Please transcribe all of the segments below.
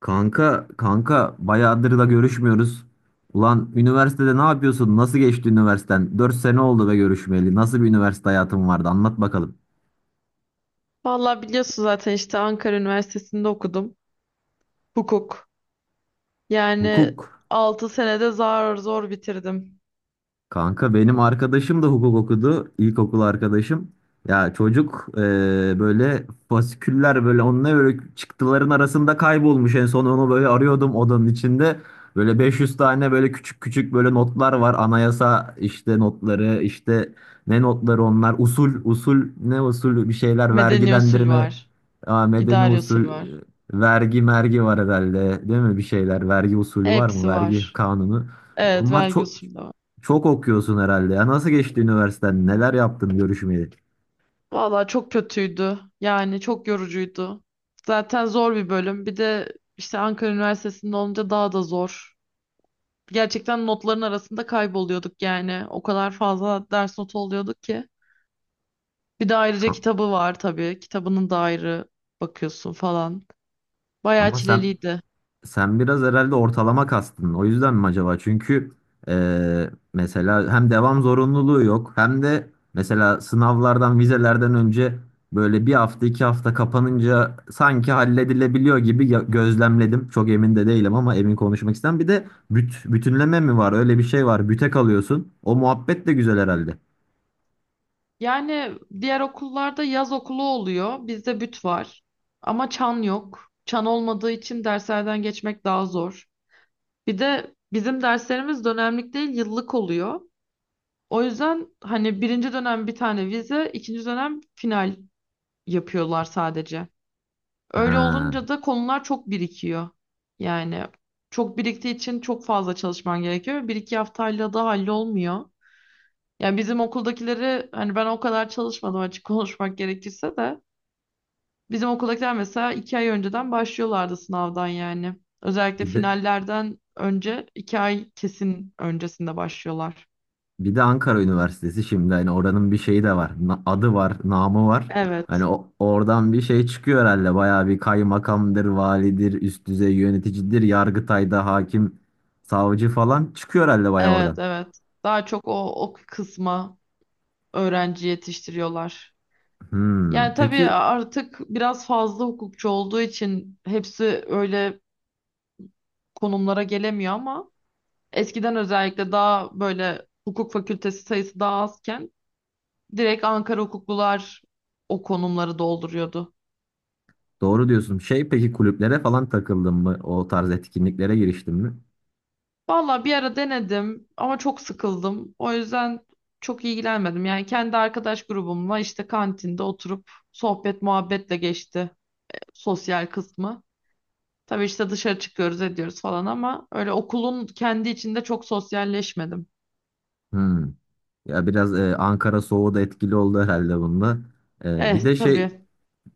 Kanka, bayağıdır da görüşmüyoruz. Ulan üniversitede ne yapıyorsun? Nasıl geçti üniversiten? 4 sene oldu be görüşmeyeli. Nasıl bir üniversite hayatın vardı? Anlat bakalım. Vallahi biliyorsun zaten işte Ankara Üniversitesi'nde okudum. Hukuk. Yani Hukuk. 6 senede zar zor bitirdim. Kanka benim arkadaşım da hukuk okudu. İlkokul arkadaşım. Ya çocuk böyle fasiküller böyle onunla böyle çıktıların arasında kaybolmuş. En son onu böyle arıyordum odanın içinde. Böyle 500 tane böyle küçük küçük böyle notlar var. Anayasa işte notları işte ne notları onlar? Usul usul ne usul bir şeyler Medeni usul vergilendirme. var. Aa, medeni İdari usul, usul var. Vergi mergi var herhalde, değil mi, bir şeyler vergi usulü var mı, Hepsi vergi var. kanunu? Evet, Onlar vergi çok usulü de var. çok okuyorsun herhalde. Ya nasıl geçti üniversiteden? Neler yaptın görüşmeyeli? Vallahi çok kötüydü. Yani çok yorucuydu. Zaten zor bir bölüm. Bir de işte Ankara Üniversitesi'nde olunca daha da zor. Gerçekten notların arasında kayboluyorduk yani. O kadar fazla ders notu oluyorduk ki. Bir de ayrıca Ka- kitabı var tabii. Kitabının da ayrı bakıyorsun falan. Bayağı Ama sen çileliydi. sen biraz herhalde ortalama kastın. O yüzden mi acaba? Çünkü mesela hem devam zorunluluğu yok hem de mesela sınavlardan, vizelerden önce böyle bir hafta iki hafta kapanınca sanki halledilebiliyor gibi gözlemledim. Çok emin de değilim ama emin konuşmak istem. Bir de bütünleme mi var? Öyle bir şey var. Büte kalıyorsun. O muhabbet de güzel herhalde. Yani diğer okullarda yaz okulu oluyor. Bizde büt var. Ama çan yok. Çan olmadığı için derslerden geçmek daha zor. Bir de bizim derslerimiz dönemlik değil, yıllık oluyor. O yüzden hani birinci dönem bir tane vize, ikinci dönem final yapıyorlar sadece. Öyle Ha, olunca da konular çok birikiyor. Yani çok biriktiği için çok fazla çalışman gerekiyor. Bir iki haftayla da hallolmuyor. Yani bizim okuldakileri hani ben o kadar çalışmadım, açık konuşmak gerekirse de bizim okuldakiler mesela 2 ay önceden başlıyorlardı sınavdan yani. Özellikle bir de finallerden önce 2 ay kesin öncesinde başlıyorlar. Bir de Ankara Üniversitesi şimdi hani oranın bir şeyi de var. Adı var, namı var. Hani Evet, oradan bir şey çıkıyor herhalde. Bayağı bir kaymakamdır, validir, üst düzey yöneticidir, Yargıtay'da hakim, savcı falan çıkıyor herhalde bayağı evet, oradan. evet. Daha çok o kısma öğrenci yetiştiriyorlar. Hmm, Yani tabii peki, artık biraz fazla hukukçu olduğu için hepsi öyle konumlara gelemiyor ama eskiden özellikle daha böyle hukuk fakültesi sayısı daha azken direkt Ankara hukuklular o konumları dolduruyordu. doğru diyorsun. Şey, peki, kulüplere falan takıldın mı? O tarz etkinliklere giriştin mi? Valla bir ara denedim ama çok sıkıldım. O yüzden çok ilgilenmedim. Yani kendi arkadaş grubumla işte kantinde oturup sohbet muhabbetle geçti sosyal kısmı. Tabii işte dışarı çıkıyoruz ediyoruz falan ama öyle okulun kendi içinde çok sosyalleşmedim. Hmm. Ya biraz Ankara soğuğu da etkili oldu herhalde bunda. E, bir Eh de şey tabii,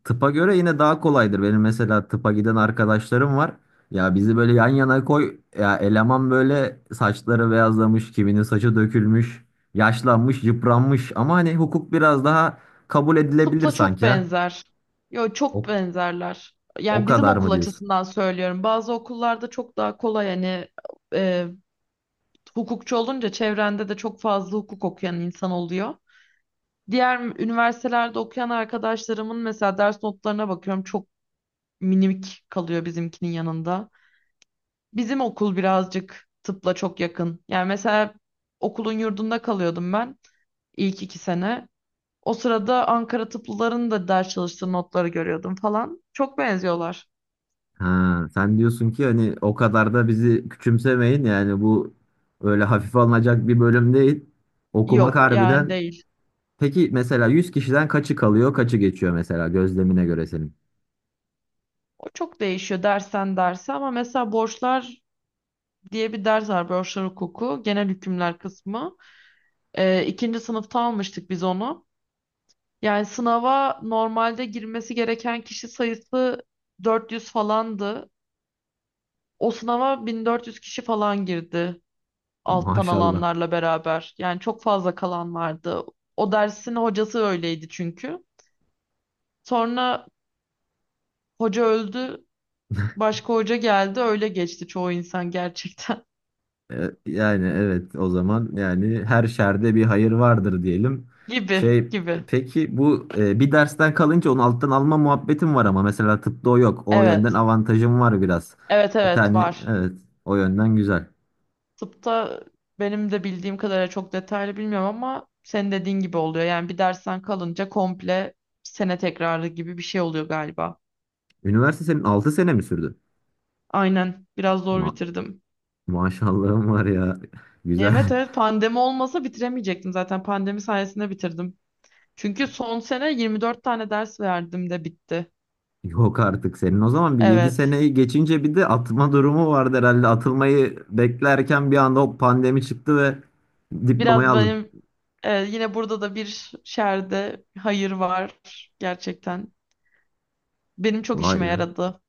tıpa göre yine daha kolaydır. Benim mesela tıpa giden arkadaşlarım var. Ya bizi böyle yan yana koy. Ya eleman böyle saçları beyazlamış, kiminin saçı dökülmüş, yaşlanmış, yıpranmış. Ama hani hukuk biraz daha kabul edilebilir tıpla çok sanki ha. benzer. Yo, çok O, benzerler. o Yani bizim kadar mı okul diyorsun? açısından söylüyorum. Bazı okullarda çok daha kolay hani. e, Hukukçu olunca çevrende de çok fazla hukuk okuyan insan oluyor. Diğer üniversitelerde okuyan arkadaşlarımın mesela ders notlarına bakıyorum, çok minik kalıyor bizimkinin yanında. Bizim okul birazcık tıpla çok yakın. Yani mesela okulun yurdunda kalıyordum ben ilk 2 sene. O sırada Ankara tıplıların da ders çalıştığı notları görüyordum falan. Çok benziyorlar. Ha, sen diyorsun ki hani o kadar da bizi küçümsemeyin. Yani bu öyle hafife alınacak bir bölüm değil. Okumak Yok yani, harbiden. değil. Peki mesela 100 kişiden kaçı kalıyor, kaçı geçiyor mesela gözlemine göre senin? O çok değişiyor dersen derse ama mesela borçlar diye bir ders var, broşlar hukuku genel hükümler kısmı. İkinci sınıfta almıştık biz onu. Yani sınava normalde girmesi gereken kişi sayısı 400 falandı. O sınava 1400 kişi falan girdi alttan Maşallah. alanlarla beraber. Yani çok fazla kalan vardı. O dersin hocası öyleydi çünkü. Sonra hoca öldü, başka hoca geldi, öyle geçti çoğu insan gerçekten. Yani evet o zaman yani her şerde bir hayır vardır diyelim. Gibi Şey, gibi. peki bu, bir dersten kalınca onu alttan alma muhabbetim var ama mesela tıpta o yok. O yönden Evet. avantajım var biraz. Evet, Bir evet, tane var. evet, o yönden güzel. Tıpta benim de bildiğim kadarıyla, çok detaylı bilmiyorum ama senin dediğin gibi oluyor. Yani bir dersten kalınca komple sene tekrarı gibi bir şey oluyor galiba. Üniversite senin 6 sene mi sürdü? Aynen. Biraz zor Ma bitirdim. Maşallahım var ya. Evet, Güzel. evet, pandemi olmasa bitiremeyecektim zaten. Pandemi sayesinde bitirdim. Çünkü son sene 24 tane ders verdim de bitti. Yok artık senin. O zaman bir 7 Evet. seneyi geçince bir de atma durumu vardı herhalde. Atılmayı beklerken bir anda o pandemi çıktı ve diplomayı Biraz aldın. benim, yine burada da bir şerde hayır var gerçekten. Benim çok Vay işime be. yaradı.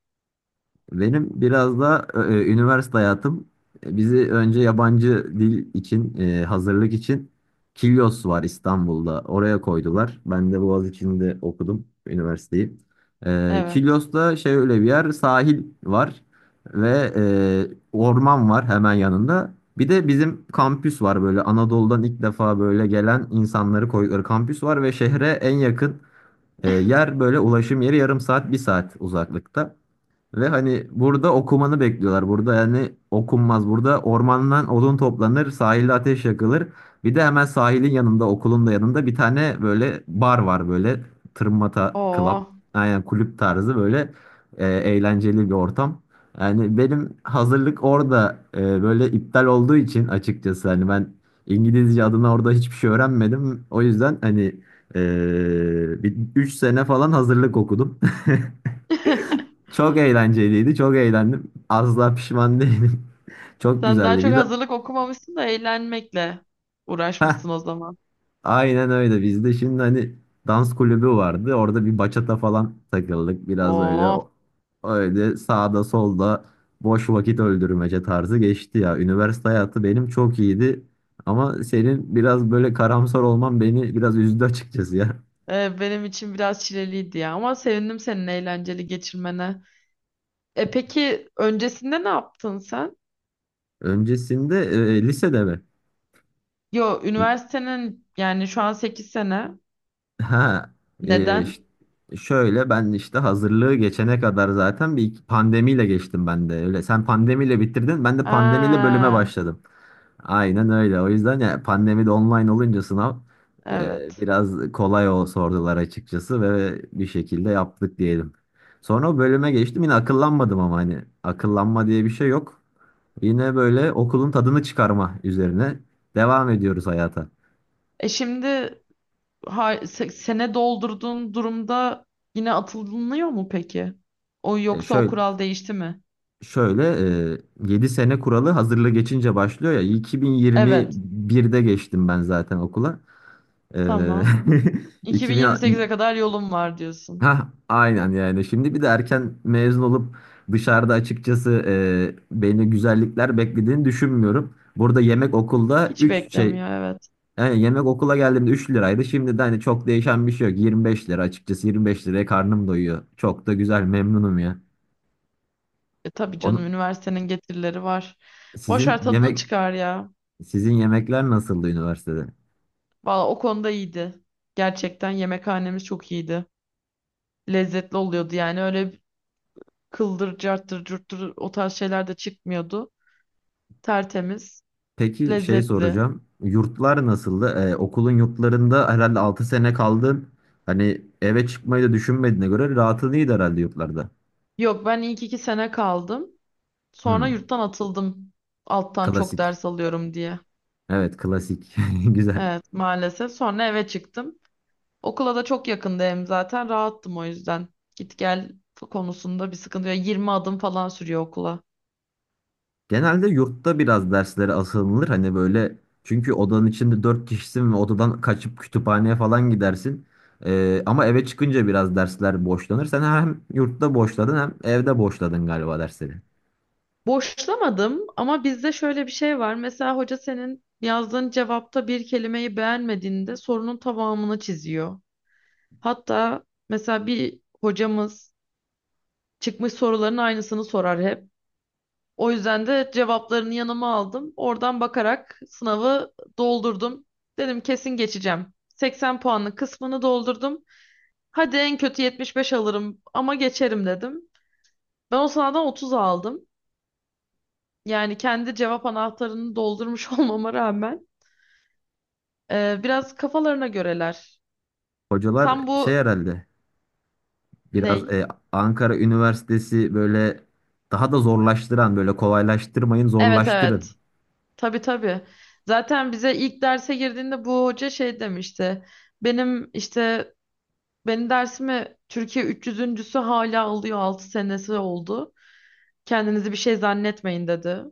Benim biraz da üniversite hayatım, bizi önce yabancı dil için, hazırlık için Kilyos var İstanbul'da. Oraya koydular. Ben de Boğaziçi'nde okudum üniversiteyi. Evet. Kilyos'ta şey, öyle bir yer, sahil var ve orman var hemen yanında. Bir de bizim kampüs var böyle, Anadolu'dan ilk defa böyle gelen insanları koydukları kampüs var ve şehre en yakın yer böyle, ulaşım yeri yarım saat bir saat uzaklıkta. Ve hani burada okumanı bekliyorlar. Burada yani okunmaz. Burada ormandan odun toplanır, sahilde ateş yakılır. Bir de hemen sahilin yanında, okulun da yanında bir tane böyle bar var böyle. Tırmata Club. Oo. Aynen kulüp tarzı böyle, eğlenceli bir ortam. Yani benim hazırlık orada böyle iptal olduğu için, açıkçası hani ben İngilizce adına orada hiçbir şey öğrenmedim. O yüzden hani bir 3 sene falan hazırlık okudum. Çok eğlenceliydi. Çok eğlendim. Asla pişman değilim. Çok Sen daha güzeldi. çok Bir de hazırlık okumamışsın da eğlenmekle heh, uğraşmışsın o zaman. aynen öyle. Bizde şimdi hani dans kulübü vardı. Orada bir bachata falan takıldık. Biraz öyle Oo. Öyle sağda solda boş vakit öldürmece tarzı geçti ya. Üniversite hayatı benim çok iyiydi. Ama senin biraz böyle karamsar olman beni biraz üzdü açıkçası ya. Benim için biraz çileliydi ya, ama sevindim senin eğlenceli geçirmene. E peki, öncesinde ne yaptın sen? Öncesinde, lisede mi? Yo, üniversitenin yani, şu an 8 sene. Ha, e, ş- Neden? şöyle ben işte hazırlığı geçene kadar zaten pandemiyle geçtim ben de öyle. Sen pandemiyle bitirdin, ben de pandemiyle bölüme Aa, başladım. Aynen öyle. O yüzden ya pandemide online olunca sınav, evet. biraz kolay o sordular açıkçası ve bir şekilde yaptık diyelim. Sonra o bölüme geçtim. Yine akıllanmadım ama hani akıllanma diye bir şey yok. Yine böyle okulun tadını çıkarma üzerine devam ediyoruz hayata. E şimdi sene doldurduğun durumda yine atılınıyor mu peki? O E, yoksa o şöyle kural değişti mi? Şöyle e, 7 sene kuralı hazırlığı geçince başlıyor ya, Evet. 2021'de geçtim ben zaten okula. E, Tamam. 2000 2028'e kadar yolum var diyorsun. ha aynen, yani şimdi bir de erken mezun olup dışarıda açıkçası beni güzellikler beklediğini düşünmüyorum. Burada yemek okulda Hiç 3 şey beklemiyor, evet. yani yemek okula geldiğimde üç liraydı. Şimdi de hani çok değişen bir şey yok. 25 lira açıkçası, 25 liraya karnım doyuyor. Çok da güzel, memnunum ya. E tabii Onu canım, üniversitenin getirileri var. Boş sizin ver, tadını yemek çıkar ya. Sizin yemekler nasıldı üniversitede? Valla o konuda iyiydi. Gerçekten yemekhanemiz çok iyiydi. Lezzetli oluyordu yani, öyle kıldır carttır curttur o tarz şeyler de çıkmıyordu. Tertemiz, Peki şey lezzetli. soracağım. Yurtlar nasıldı? Okulun yurtlarında herhalde 6 sene kaldın. Hani eve çıkmayı da düşünmediğine göre rahatın iyiydi herhalde yurtlarda. Yok, ben ilk 2 sene kaldım. Sonra Hmm, yurttan atıldım. Alttan çok klasik. ders alıyorum diye. Evet klasik. Güzel. Evet, maalesef. Sonra eve çıktım. Okula da çok yakındı hem zaten. Rahattım o yüzden. Git gel konusunda bir sıkıntı yok. 20 adım falan sürüyor okula. Genelde yurtta biraz derslere asılınır. Hani böyle, çünkü odanın içinde 4 kişisin ve odadan kaçıp kütüphaneye falan gidersin. Ama eve çıkınca biraz dersler boşlanır. Sen hem yurtta boşladın hem evde boşladın galiba dersleri. Boşlamadım ama bizde şöyle bir şey var. Mesela hoca senin yazdığın cevapta bir kelimeyi beğenmediğinde sorunun tamamını çiziyor. Hatta mesela bir hocamız çıkmış soruların aynısını sorar hep. O yüzden de cevaplarını yanıma aldım. Oradan bakarak sınavı doldurdum. Dedim, kesin geçeceğim. 80 puanlı kısmını doldurdum. Hadi en kötü 75 alırım ama geçerim dedim. Ben o sınavdan 30 aldım. Yani kendi cevap anahtarını doldurmuş olmama rağmen, biraz kafalarına göreler. Hocalar Tam şey bu herhalde, biraz ney? Ankara Üniversitesi böyle daha da zorlaştıran, böyle kolaylaştırmayın Evet, evet. zorlaştırın. Tabii, tabii. Zaten bize ilk derse girdiğinde bu hoca şey demişti. Benim işte Benim dersime Türkiye 300'üncüsü.sü hala alıyor. 6 senesi oldu. Kendinizi bir şey zannetmeyin dedi.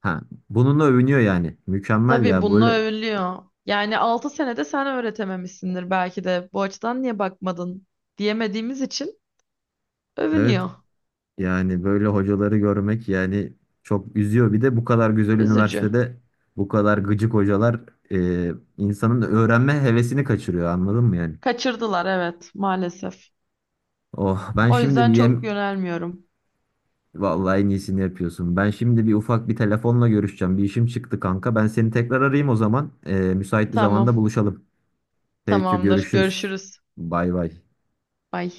Ha, bununla övünüyor yani. Mükemmel Tabii ya bununla böyle. övülüyor. Yani 6 senede sen öğretememişsindir belki de. Bu açıdan niye bakmadın diyemediğimiz için Evet, övünüyor. yani böyle hocaları görmek yani çok üzüyor. Bir de bu kadar güzel Üzücü. üniversitede bu kadar gıcık hocalar, e, insanın öğrenme hevesini kaçırıyor, anladın mı yani? Kaçırdılar, evet, maalesef. Oh, ben O şimdi bir yüzden çok yem, yönelmiyorum. vallahi en iyisini yapıyorsun. Ben şimdi bir ufak bir telefonla görüşeceğim. Bir işim çıktı kanka. Ben seni tekrar arayayım o zaman. Müsait bir zamanda Tamam, buluşalım. Peki tamamdır. görüşürüz. Görüşürüz. Bay bay. Bay.